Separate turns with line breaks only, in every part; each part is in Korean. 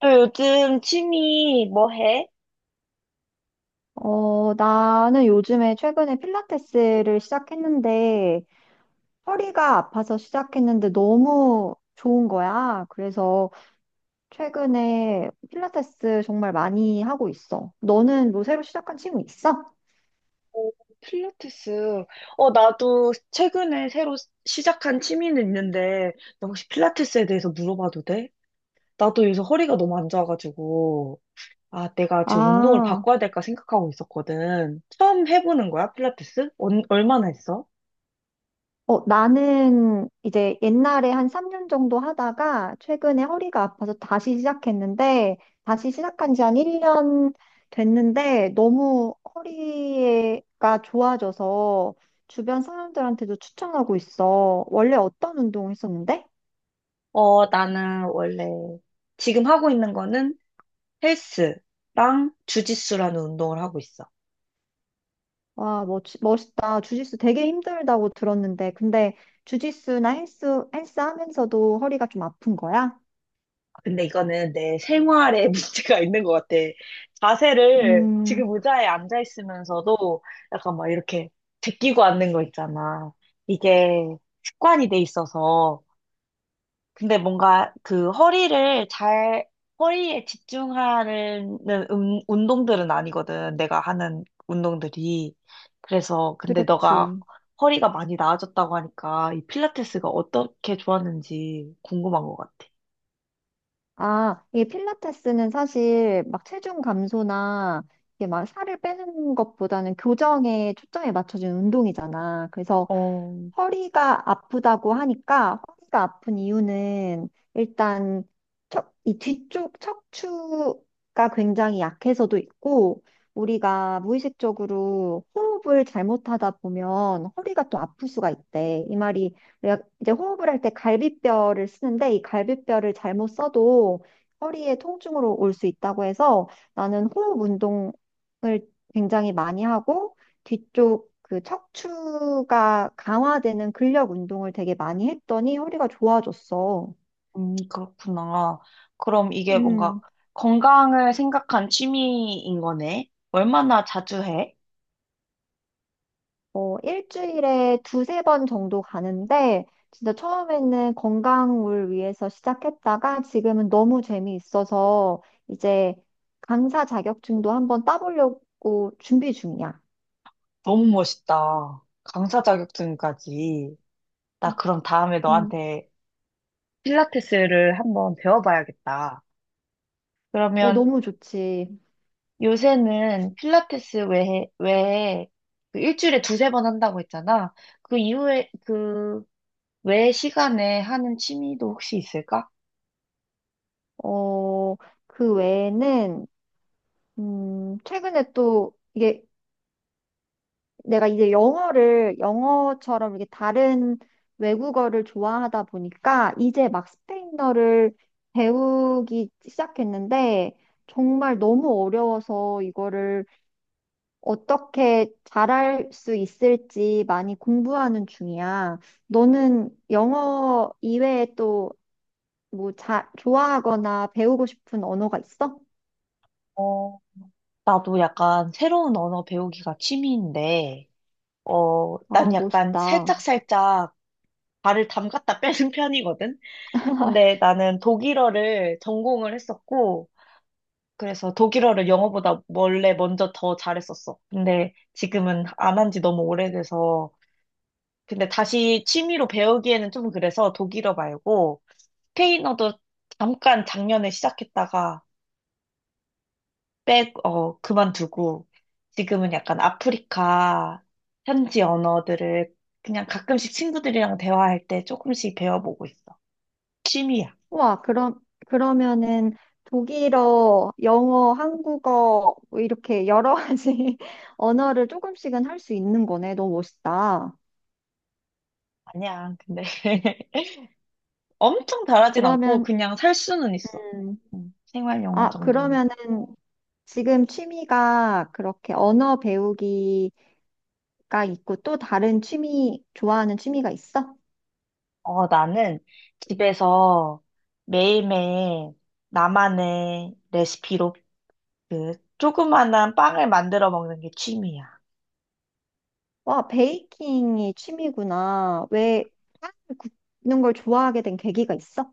너 요즘 취미 뭐 해?
어, 나는 요즘에 최근에 필라테스를 시작했는데 허리가 아파서 시작했는데 너무 좋은 거야. 그래서 최근에 필라테스 정말 많이 하고 있어. 너는 뭐 새로 시작한 친구 있어?
오, 필라테스. 나도 최근에 새로 시작한 취미는 있는데, 너 혹시 필라테스에 대해서 물어봐도 돼? 나도 요새 허리가 너무 안 좋아가지고, 아, 내가 지금 운동을
아.
바꿔야 될까 생각하고 있었거든. 처음 해보는 거야, 필라테스? 얼마나 했어?
어, 나는 이제 옛날에 한 3년 정도 하다가 최근에 허리가 아파서 다시 시작했는데, 다시 시작한 지 한 1년 됐는데, 너무 허리가 좋아져서 주변 사람들한테도 추천하고 있어. 원래 어떤 운동 했었는데?
나는 원래 지금 하고 있는 거는 헬스랑 주짓수라는 운동을 하고 있어.
와, 멋있다. 주짓수 되게 힘들다고 들었는데, 근데 주짓수나 헬스 하면서도 허리가 좀 아픈 거야?
근데 이거는 내 생활에 문제가 있는 것 같아. 자세를
음,
지금 의자에 앉아 있으면서도 약간 막 이렇게 제끼고 앉는 거 있잖아. 이게 습관이 돼 있어서. 근데 뭔가 그 허리를 잘, 허리에 집중하는 운동들은 아니거든. 내가 하는 운동들이. 그래서 근데 너가
그렇지.
허리가 많이 나아졌다고 하니까 이 필라테스가 어떻게 좋았는지 궁금한 것 같아.
아, 이게 필라테스는 사실 막 체중 감소나 이게 막 살을 빼는 것보다는 교정에 초점이 맞춰진 운동이잖아. 그래서
어,
허리가 아프다고 하니까 허리가 아픈 이유는 일단 이 뒤쪽 척추가 굉장히 약해서도 있고 우리가 무의식적으로 호흡을 잘못하다 보면 허리가 또 아플 수가 있대. 이 말이 내가 이제 호흡을 할 때 갈비뼈를 쓰는데 이 갈비뼈를 잘못 써도 허리에 통증으로 올 수 있다고 해서 나는 호흡 운동을 굉장히 많이 하고 뒤쪽 그 척추가 강화되는 근력 운동을 되게 많이 했더니 허리가 좋아졌어.
그렇구나. 그럼 이게 뭔가
음,
건강을 생각한 취미인 거네? 얼마나 자주 해?
어, 일주일에 두세 번 정도 가는데 진짜 처음에는 건강을 위해서 시작했다가 지금은 너무 재미있어서 이제 강사 자격증도 한번 따보려고 준비 중이야.
너무 멋있다. 강사 자격증까지. 나 그럼 다음에
음,
너한테 필라테스를 한번 배워봐야겠다.
어,
그러면
너무 좋지.
요새는 필라테스 외에 그 일주일에 두세 번 한다고 했잖아. 그 이후에, 외 시간에 하는 취미도 혹시 있을까?
어, 그 외에는, 최근에 또 이게 내가 이제 영어를 영어처럼 이렇게 다른 외국어를 좋아하다 보니까 이제 막 스페인어를 배우기 시작했는데 정말 너무 어려워서 이거를 어떻게 잘할 수 있을지 많이 공부하는 중이야. 너는 영어 이외에 또 뭐 좋아하거나 배우고 싶은 언어가 있어?
어, 나도 약간 새로운 언어 배우기가 취미인데,
아,
난 약간
멋있다.
살짝살짝 발을 담갔다 빼는 편이거든? 근데 나는 독일어를 전공을 했었고, 그래서 독일어를 영어보다 원래 먼저 더 잘했었어. 근데 지금은 안 한 지 너무 오래돼서. 근데 다시 취미로 배우기에는 좀 그래서 독일어 말고 스페인어도 잠깐 작년에 시작했다가 그만두고 지금은 약간 아프리카 현지 언어들을 그냥 가끔씩 친구들이랑 대화할 때 조금씩 배워보고 있어. 취미야.
와, 그러면은 독일어, 영어, 한국어, 뭐 이렇게 여러 가지 언어를 조금씩은 할 수 있는 거네. 너무 멋있다.
아니야, 근데 엄청 잘하진 않고
그러면,
그냥 살 수는 있어.
음,
생활 영어
아,
정도는.
그러면은 지금 취미가 그렇게 언어 배우기 가 있고 또 다른 취미, 좋아하는 취미가 있어?
나는 집에서 매일매일 나만의 레시피로 그 조그만한 빵을 만들어 먹는 게 취미야.
와, 베이킹이 취미구나. 왜 빵을 굽는 걸 좋아하게 된 계기가 있어?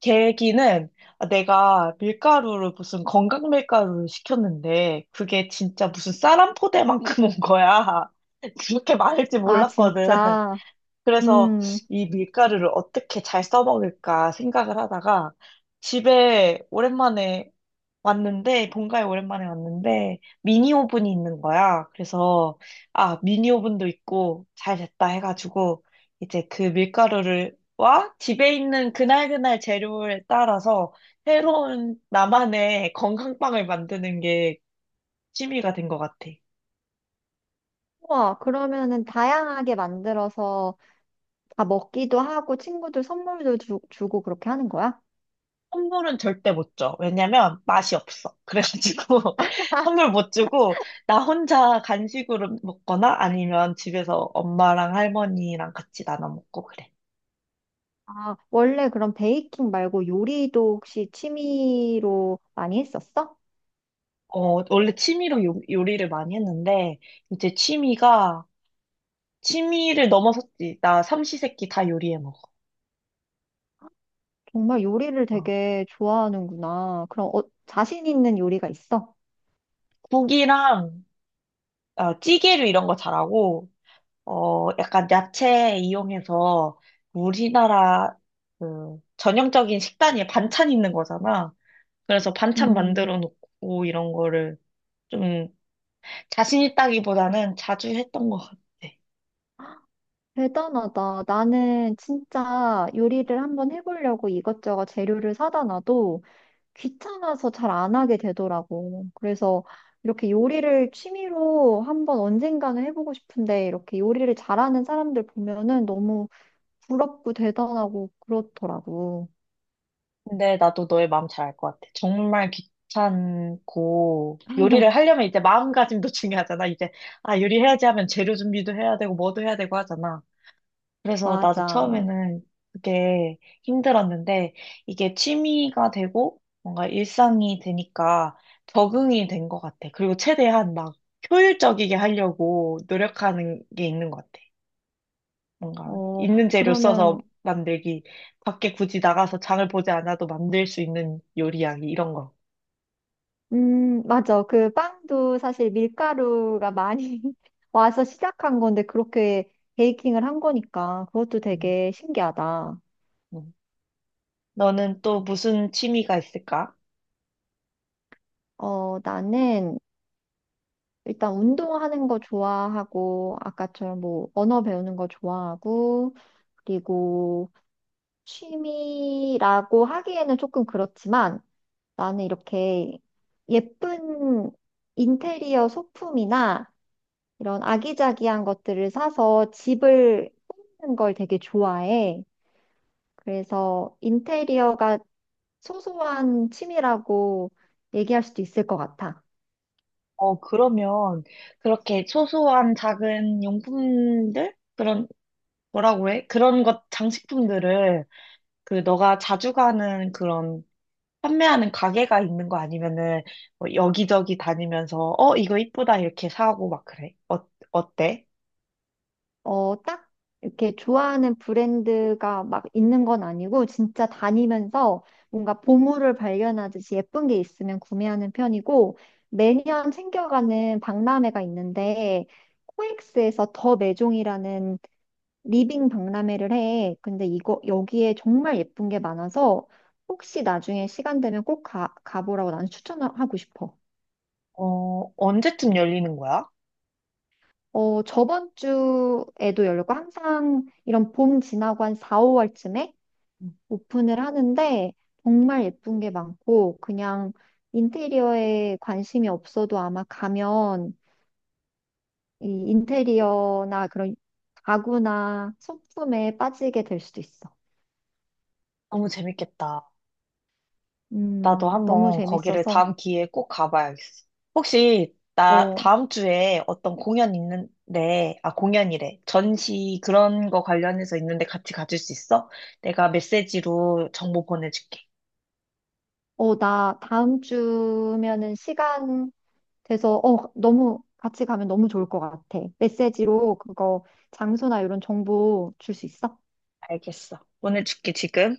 계기는 내가 밀가루를 무슨 건강 밀가루를 시켰는데 그게 진짜 무슨 쌀 한 포대만큼 온 거야. 그렇게 많을지
아,
몰랐거든.
진짜.
그래서
음.
이 밀가루를 어떻게 잘 써먹을까 생각을 하다가 집에 오랜만에 왔는데, 본가에 오랜만에 왔는데, 미니 오븐이 있는 거야. 그래서, 아, 미니 오븐도 있고, 잘 됐다 해가지고, 이제 그 밀가루를, 와, 집에 있는 그날그날 재료에 따라서 새로운 나만의 건강빵을 만드는 게 취미가 된 것 같아.
와, 그러면은 다양하게 만들어서 아, 먹기도 하고 친구들 선물도 주고 그렇게 하는 거야?
선물은 절대 못 줘. 왜냐면 맛이 없어. 그래가지고 선물 못 주고 나 혼자 간식으로 먹거나 아니면 집에서 엄마랑 할머니랑 같이 나눠 먹고 그래.
아, 원래 그럼 베이킹 말고 요리도 혹시 취미로 많이 했었어?
어, 원래 취미로 요리를 많이 했는데 이제 취미가 취미를 넘어섰지. 나 삼시세끼 다 요리해 먹어.
정말 요리를
어.
되게 좋아하는구나. 그럼 어, 자신 있는 요리가 있어?
국이랑 어, 찌개류 이런 거 잘하고 어, 약간 야채 이용해서 우리나라 그 전형적인 식단이 반찬 있는 거잖아. 그래서 반찬
음,
만들어 놓고 이런 거를 좀 자신 있다기보다는 자주 했던 것 같아.
대단하다. 나는 진짜 요리를 한번 해보려고 이것저것 재료를 사다 놔도 귀찮아서 잘 안 하게 되더라고. 그래서 이렇게 요리를 취미로 한번 언젠가는 해보고 싶은데 이렇게 요리를 잘하는 사람들 보면은 너무 부럽고 대단하고 그렇더라고.
근데 나도 너의 마음 잘 알 것 같아. 정말 귀찮고 요리를 하려면 이제 마음가짐도 중요하잖아. 이제 아 요리해야지 하면 재료 준비도 해야 되고 뭐도 해야 되고 하잖아. 그래서 나도
맞아.
처음에는 그게 힘들었는데 이게 취미가 되고 뭔가 일상이 되니까 적응이 된 것 같아. 그리고 최대한 막 효율적이게 하려고 노력하는 게 있는 것 같아. 뭔가
어,
있는 재료 써서
그러면,
만들기, 밖에 굳이 나가서 장을 보지 않아도 만들 수 있는 요리하기 이런 거.
맞아. 그 빵도 사실 밀가루가 많이 와서 시작한 건데 그렇게 베이킹을 한 거니까 그것도
음,
되게 신기하다.
음. 너는 또 무슨 취미가 있을까?
어, 나는 일단 운동하는 거 좋아하고, 아까처럼 뭐 언어 배우는 거 좋아하고, 그리고 취미라고 하기에는 조금 그렇지만 나는 이렇게 예쁜 인테리어 소품이나 이런 아기자기한 것들을 사서 집을 꾸미는 걸 되게 좋아해. 그래서 인테리어가 소소한 취미라고 얘기할 수도 있을 것 같아.
어, 그러면 그렇게 소소한 작은 용품들? 그런 뭐라고 해? 그런 것, 장식품들을, 그, 너가 자주 가는 그런, 판매하는 가게가 있는 거 아니면은, 뭐 여기저기 다니면서, 어, 이거 이쁘다, 이렇게 사고 막 그래. 어, 어때?
어, 딱 이렇게 좋아하는 브랜드가 막 있는 건 아니고 진짜 다니면서 뭔가 보물을 발견하듯이 예쁜 게 있으면 구매하는 편이고 매년 챙겨가는 박람회가 있는데 코엑스에서 더 매종이라는 리빙 박람회를 해. 근데 이거 여기에 정말 예쁜 게 많아서 혹시 나중에 시간 되면 꼭 가보라고 나는 추천하고 싶어.
어, 언제쯤 열리는 거야?
어, 저번 주에도 열렸고 항상 이런 봄 지나고 한 4, 5월쯤에
음,
오픈을 하는데 정말 예쁜 게 많고 그냥 인테리어에 관심이 없어도 아마 가면 이 인테리어나 그런 가구나 소품에 빠지게 될 수도 있어.
너무 재밌겠다. 나도
너무
한번 거기를
재밌어서.
다음 기회에 꼭 가봐야겠어. 혹시, 나
어,
다음 주에 어떤 공연 있는데, 아, 공연이래. 전시 그런 거 관련해서 있는데 같이 가줄 수 있어? 내가 메시지로 정보 보내줄게.
어, 나 다음 주면은 시간 돼서, 어, 너무 같이 가면 너무 좋을 것 같아. 메시지로 그거 장소나 이런 정보 줄 수 있어?
알겠어. 오늘 줄게, 지금.